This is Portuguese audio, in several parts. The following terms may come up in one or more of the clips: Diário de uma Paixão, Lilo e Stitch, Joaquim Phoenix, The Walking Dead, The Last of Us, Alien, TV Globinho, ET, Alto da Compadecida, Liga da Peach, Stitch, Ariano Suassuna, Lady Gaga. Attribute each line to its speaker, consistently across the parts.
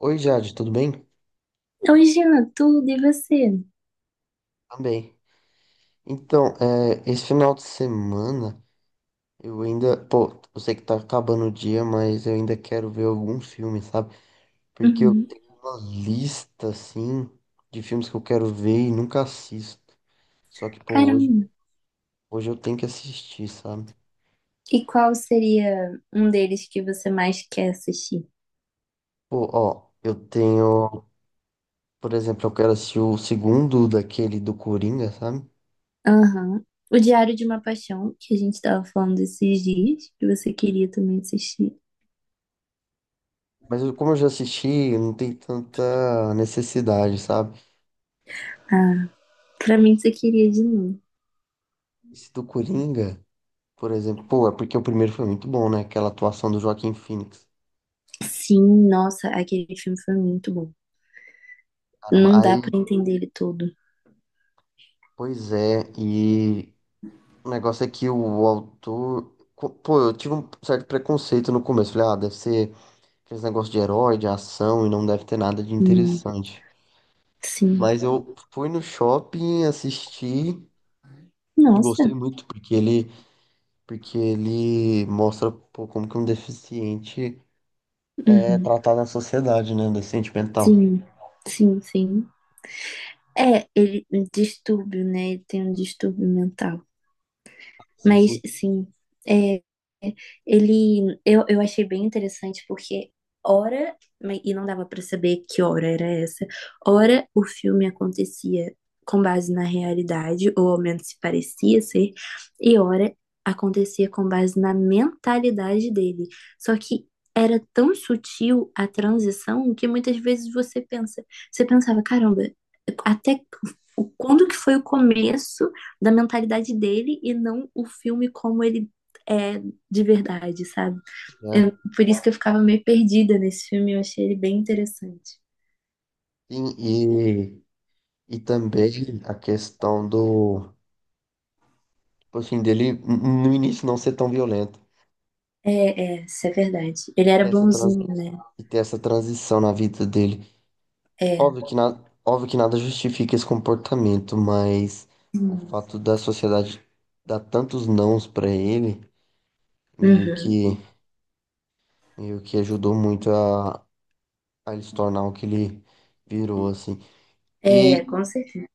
Speaker 1: Oi, Jade, tudo bem?
Speaker 2: Oi, Jean, tudo e você?
Speaker 1: Também. Então, esse final de semana eu ainda. Pô, eu sei que tá acabando o dia, mas eu ainda quero ver algum filme, sabe? Porque eu
Speaker 2: Uhum.
Speaker 1: tenho uma lista, assim, de filmes que eu quero ver e nunca assisto. Só que, pô,
Speaker 2: Caramba.
Speaker 1: hoje eu tenho que assistir, sabe?
Speaker 2: E qual seria um deles que você mais quer assistir?
Speaker 1: Pô, ó, eu tenho. Por exemplo, eu quero assistir o segundo daquele do Coringa, sabe?
Speaker 2: Aham. O Diário de uma Paixão, que a gente tava falando esses dias, que você queria também assistir.
Speaker 1: Como eu já assisti, não tem tanta necessidade, sabe?
Speaker 2: Ah, claramente você queria de novo.
Speaker 1: Esse do Coringa. Por exemplo, pô, é porque o primeiro foi muito bom, né? Aquela atuação do Joaquim Phoenix.
Speaker 2: Sim, nossa, aquele filme foi muito bom.
Speaker 1: Caramba,
Speaker 2: Não dá
Speaker 1: aí,
Speaker 2: pra entender ele todo.
Speaker 1: pois é, e o negócio é que o autor. Pô, eu tive um certo preconceito no começo. Falei, ah, deve ser aqueles negócios de herói, de ação, e não deve ter nada de interessante.
Speaker 2: Sim.
Speaker 1: Mas eu fui no shopping, assisti, e gostei
Speaker 2: Nossa.
Speaker 1: muito, porque ele mostra, pô, como que um deficiente é
Speaker 2: Uhum.
Speaker 1: tratado na sociedade, né? Um deficiente mental.
Speaker 2: Sim. Sim, sim. É, ele, um distúrbio, né? Ele tem um distúrbio mental.
Speaker 1: Sim,
Speaker 2: Mas,
Speaker 1: sim.
Speaker 2: sim. Ele, eu achei bem interessante porque ora, mas- e não dava pra saber que hora era essa, ora o filme acontecia com base na realidade, ou ao menos se parecia ser, e ora acontecia com base na mentalidade dele. Só que era tão sutil a transição que muitas vezes você pensa, você pensava, caramba, até o- quando que foi o começo da mentalidade dele e não o filme como ele é de verdade, sabe?
Speaker 1: É.
Speaker 2: Eu, por isso que eu ficava meio perdida nesse filme, eu achei ele bem interessante.
Speaker 1: Sim, e também a tipo assim, no início não ser tão violento.
Speaker 2: É, é, isso é verdade. Ele era
Speaker 1: Ter essa trans-
Speaker 2: bonzinho, né?
Speaker 1: e ter essa transição na vida dele.
Speaker 2: É.
Speaker 1: Óbvio que, na, óbvio que nada justifica esse comportamento, mas o fato da sociedade dar tantos nãos pra ele, meio
Speaker 2: Uhum.
Speaker 1: que, meio que ajudou muito a ele se tornar o que ele virou, assim.
Speaker 2: É,
Speaker 1: E
Speaker 2: com certeza.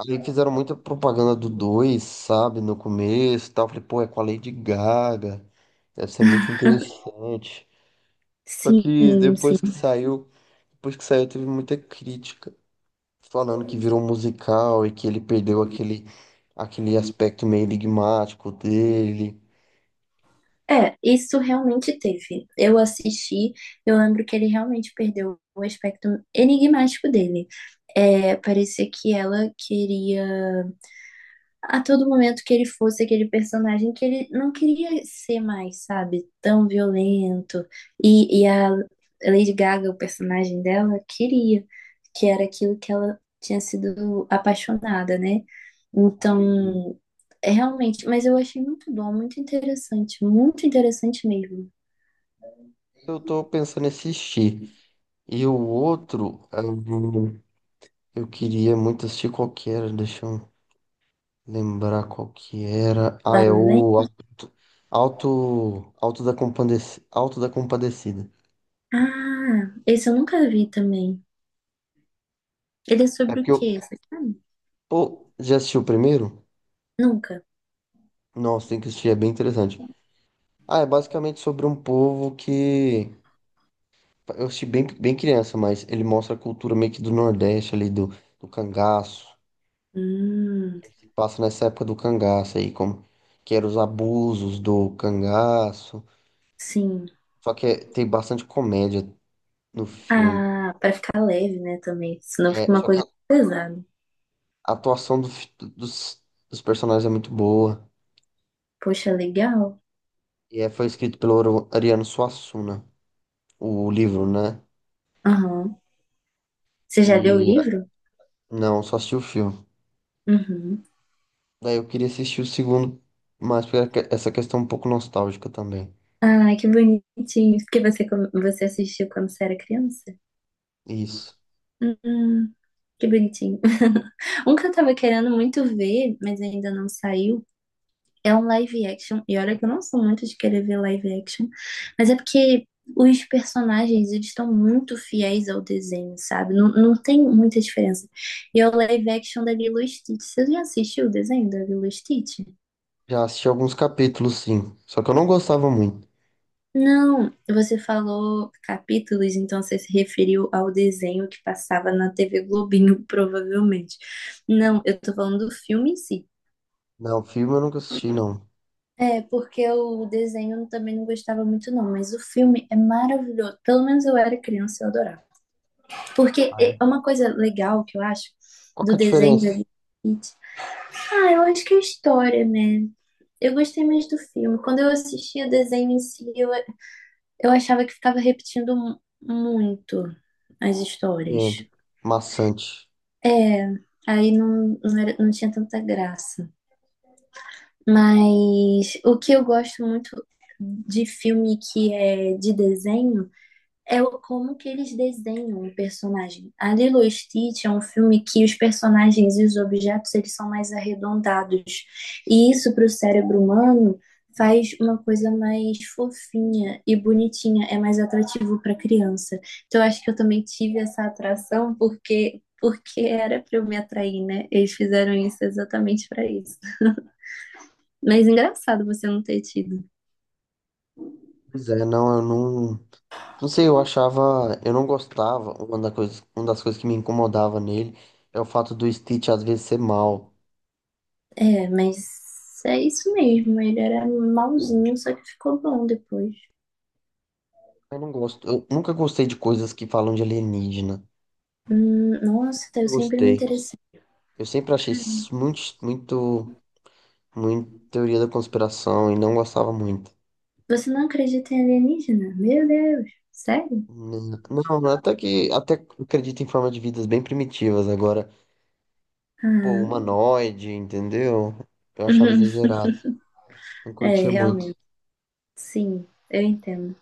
Speaker 1: aí fizeram muita propaganda do dois, sabe, no começo e tal. Falei, pô, é com a Lady Gaga. Deve ser muito interessante. Só
Speaker 2: Sim,
Speaker 1: que
Speaker 2: sim.
Speaker 1: depois que saiu, teve muita crítica. Falando que virou um musical e que ele perdeu aquele aspecto meio enigmático dele.
Speaker 2: É, isso realmente teve. Eu assisti, eu lembro que ele realmente perdeu o aspecto enigmático dele. É, parecia que ela queria a todo momento que ele fosse aquele personagem que ele não queria ser mais, sabe? Tão violento. E a Lady Gaga, o personagem dela, queria, que era aquilo que ela tinha sido apaixonada, né? Então, é realmente, mas eu achei muito bom, muito interessante mesmo.
Speaker 1: Eu tô pensando em assistir. E o outro, ah, eu queria muito assistir qualquer, deixa eu lembrar qual que era. Ah,
Speaker 2: Lá,
Speaker 1: é
Speaker 2: né?
Speaker 1: o Alto da Compadecida. Alto da Compadecida.
Speaker 2: Ah, esse eu nunca vi também. Ele é
Speaker 1: É
Speaker 2: sobre o
Speaker 1: porque eu.
Speaker 2: quê? Você sabe?
Speaker 1: Pô, já assistiu o primeiro?
Speaker 2: Nunca.
Speaker 1: Nossa, tem que assistir, é bem interessante. Ah, é basicamente sobre um povo que. Eu assisti bem, bem criança, mas ele mostra a cultura meio que do Nordeste ali, do cangaço.
Speaker 2: Hum,
Speaker 1: Passa nessa época do cangaço aí, como. Que eram os abusos do cangaço.
Speaker 2: sim.
Speaker 1: Só que tem bastante comédia no filme.
Speaker 2: Ah, pra ficar leve, né, também. Senão fica
Speaker 1: É,
Speaker 2: uma
Speaker 1: só que
Speaker 2: coisa pesada.
Speaker 1: a atuação do dos personagens é muito boa.
Speaker 2: Poxa, legal.
Speaker 1: E é, foi escrito pelo Ariano Suassuna, né? O livro, né?
Speaker 2: Aham. Você já leu o
Speaker 1: E
Speaker 2: livro?
Speaker 1: não, só assisti o filme.
Speaker 2: Uhum.
Speaker 1: Daí eu queria assistir o segundo, mas essa questão um pouco nostálgica também.
Speaker 2: Ah, que bonitinho. Que você, com- você assistiu quando você era criança?
Speaker 1: Isso.
Speaker 2: Hum, que bonitinho. Um que eu tava querendo muito ver, mas ainda não saiu, é um live action, e olha que eu não sou muito de querer ver live action, mas é porque os personagens, eles estão muito fiéis ao desenho, sabe? Não, não tem muita diferença. E é o live action da Lilo e Stitch. Você já assistiu o desenho da Lilo e Stitch?
Speaker 1: Já assisti alguns capítulos, sim. Só que eu não gostava muito.
Speaker 2: Não, você falou capítulos, então você se referiu ao desenho que passava na TV Globinho, provavelmente. Não, eu tô falando do filme em si.
Speaker 1: Não, filme eu nunca assisti, não.
Speaker 2: É, porque o desenho eu também não gostava muito, não, mas o filme é maravilhoso. Pelo menos eu era criança, eu adorava. Porque
Speaker 1: Ah,
Speaker 2: é
Speaker 1: é?
Speaker 2: uma coisa legal que eu acho
Speaker 1: Qual que
Speaker 2: do
Speaker 1: é a
Speaker 2: desenho da
Speaker 1: diferença?
Speaker 2: Liga da Peach. Ah, eu acho que é a história, né? Eu gostei mais do filme. Quando eu assistia o desenho em si, eu achava que ficava repetindo mu- muito as histórias.
Speaker 1: Entendo. Maçante.
Speaker 2: É, aí não, não, era, não tinha tanta graça. Mas o que eu gosto muito de filme que é de desenho é o- como que eles desenham o personagem. A Lilo e Stitch é um filme que os personagens e os objetos eles são mais arredondados. E isso para o cérebro humano faz uma coisa mais fofinha e bonitinha, é mais atrativo para criança. Então eu acho que eu também tive essa atração porque era para eu me atrair, né? Eles fizeram isso exatamente para isso. Mas engraçado você não ter tido.
Speaker 1: Pois é, não, eu não. Não sei, eu achava, eu não gostava, uma da coisa, uma das coisas que me incomodava nele é o fato do Stitch às vezes ser mal.
Speaker 2: É, mas é isso mesmo. Ele era malzinho, só que ficou bom depois.
Speaker 1: Eu não gosto, eu nunca gostei de coisas que falam de alienígena.
Speaker 2: Nossa, eu
Speaker 1: Eu
Speaker 2: sempre me
Speaker 1: gostei.
Speaker 2: interessei.
Speaker 1: Eu sempre achei isso muito teoria da conspiração e não gostava muito.
Speaker 2: Você não acredita em alienígena? Meu Deus, sério?
Speaker 1: Não, até acredito em forma de vidas bem primitivas agora, pô,
Speaker 2: Ah,
Speaker 1: humanoide, entendeu? Eu achava exagerado, não
Speaker 2: é,
Speaker 1: curtia muito.
Speaker 2: realmente. Sim, eu entendo.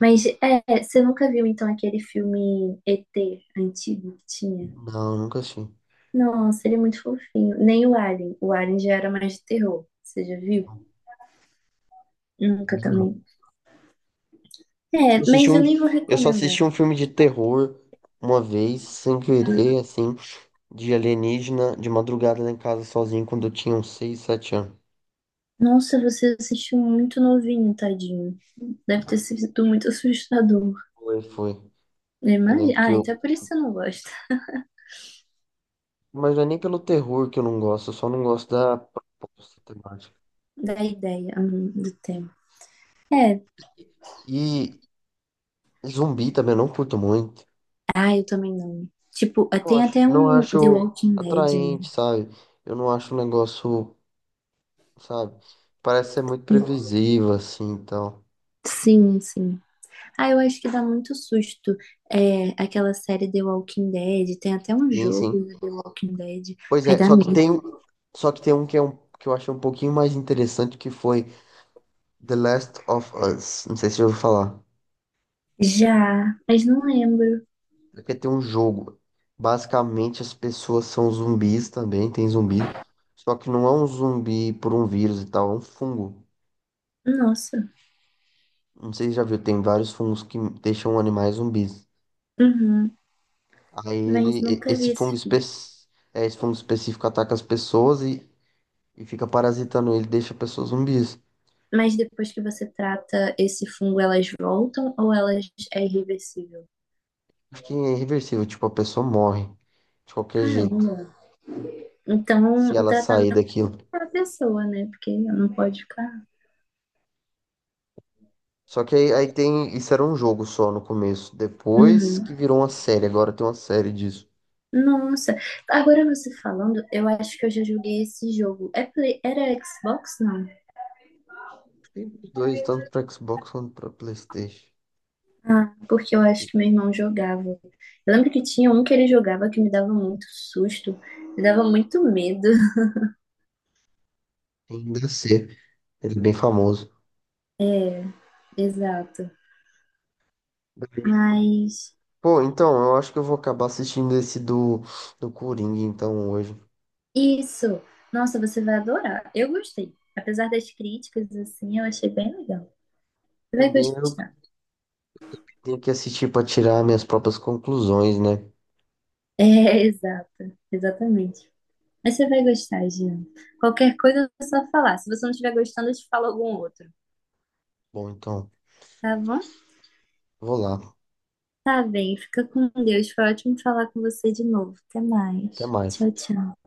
Speaker 2: Mas é, você nunca viu então aquele filme ET antigo que tinha?
Speaker 1: Não, nunca achei.
Speaker 2: Nossa, ele é muito fofinho. Nem o Alien. O Alien já era mais de terror. Você já viu? Nunca também.
Speaker 1: Eu
Speaker 2: É,
Speaker 1: assisti
Speaker 2: mas
Speaker 1: um,
Speaker 2: eu nem vou
Speaker 1: eu só assisti
Speaker 2: recomendar.
Speaker 1: um filme de terror uma vez, sem querer, assim, de alienígena, de madrugada lá em casa sozinho, quando eu tinha uns 6 7 anos.
Speaker 2: Nossa, você assistiu muito novinho, tadinho. Deve ter sido muito assustador.
Speaker 1: Foi, foi. Eu lembro
Speaker 2: Imagina.
Speaker 1: que
Speaker 2: Ah,
Speaker 1: eu.
Speaker 2: então é por isso que eu não gosto
Speaker 1: Mas não é nem pelo terror que eu não gosto, eu só não gosto da proposta temática.
Speaker 2: da ideia do tema. É.
Speaker 1: E zumbi também eu não curto muito.
Speaker 2: Ah, eu também não. Tipo, tem até
Speaker 1: Não
Speaker 2: um The
Speaker 1: acho
Speaker 2: Walking Dead, né?
Speaker 1: atraente, sabe? Eu não acho um negócio, sabe? Parece ser muito previsível, assim, então.
Speaker 2: Sim, sim. Ah, eu acho que dá muito susto. É, aquela série The Walking Dead. Tem até um
Speaker 1: Sim,
Speaker 2: jogo
Speaker 1: sim.
Speaker 2: do The Walking Dead.
Speaker 1: Pois
Speaker 2: Aí
Speaker 1: é,
Speaker 2: dá medo.
Speaker 1: só que tem um que é um que eu achei um pouquinho mais interessante que foi The Last of Us. Não sei se eu ouviu falar.
Speaker 2: Já, mas não lembro.
Speaker 1: Porque tem um jogo. Basicamente as pessoas são zumbis também, tem zumbis. Só que não é um zumbi por um vírus e tal, é um fungo.
Speaker 2: Nossa.
Speaker 1: Não sei se já viu, tem vários fungos que deixam animais zumbis.
Speaker 2: Uhum.
Speaker 1: Aí ele,
Speaker 2: Mas
Speaker 1: e-
Speaker 2: nunca
Speaker 1: esse
Speaker 2: vi
Speaker 1: fungo
Speaker 2: esse
Speaker 1: espe-
Speaker 2: filme.
Speaker 1: é, esse fungo específico ataca as pessoas e fica parasitando ele, deixa pessoas zumbis.
Speaker 2: Mas depois que você trata esse fungo, elas voltam ou elas é irreversível?
Speaker 1: Acho que é irreversível, tipo, a pessoa morre de qualquer jeito
Speaker 2: Caramba. Então,
Speaker 1: se
Speaker 2: o
Speaker 1: ela sair
Speaker 2: tratamento
Speaker 1: daquilo.
Speaker 2: é a pessoa, né? Porque não pode ficar.
Speaker 1: Só que aí, aí tem. Isso era um jogo só no começo. Depois
Speaker 2: Uhum.
Speaker 1: que virou uma série, agora tem uma série disso.
Speaker 2: Nossa. Agora você falando, eu acho que eu já joguei esse jogo. É Play- Era Xbox, não?
Speaker 1: Tem os dois, tanto pra Xbox quanto pra PlayStation.
Speaker 2: Ah, porque eu acho que meu irmão jogava. Eu lembro que tinha um que ele jogava que me dava muito susto, me dava muito medo.
Speaker 1: Tem DC. Ele é bem famoso.
Speaker 2: Exato. Mas
Speaker 1: Pô, então, eu acho que eu vou acabar assistindo esse do Coringa, então, hoje.
Speaker 2: isso. Nossa, você vai adorar. Eu gostei. Apesar das críticas, assim, eu achei bem legal. Você vai
Speaker 1: Também eu
Speaker 2: gostar.
Speaker 1: tenho que assistir pra tirar minhas próprias conclusões, né?
Speaker 2: É, exato. Exatamente. Mas você vai gostar, Jean. Qualquer coisa é só falar. Se você não estiver gostando, eu te falo algum outro.
Speaker 1: Bom, então,
Speaker 2: Tá bom?
Speaker 1: vou lá.
Speaker 2: Tá bem. Fica com Deus. Foi ótimo falar com você de novo. Até
Speaker 1: Até
Speaker 2: mais.
Speaker 1: mais.
Speaker 2: Tchau, tchau.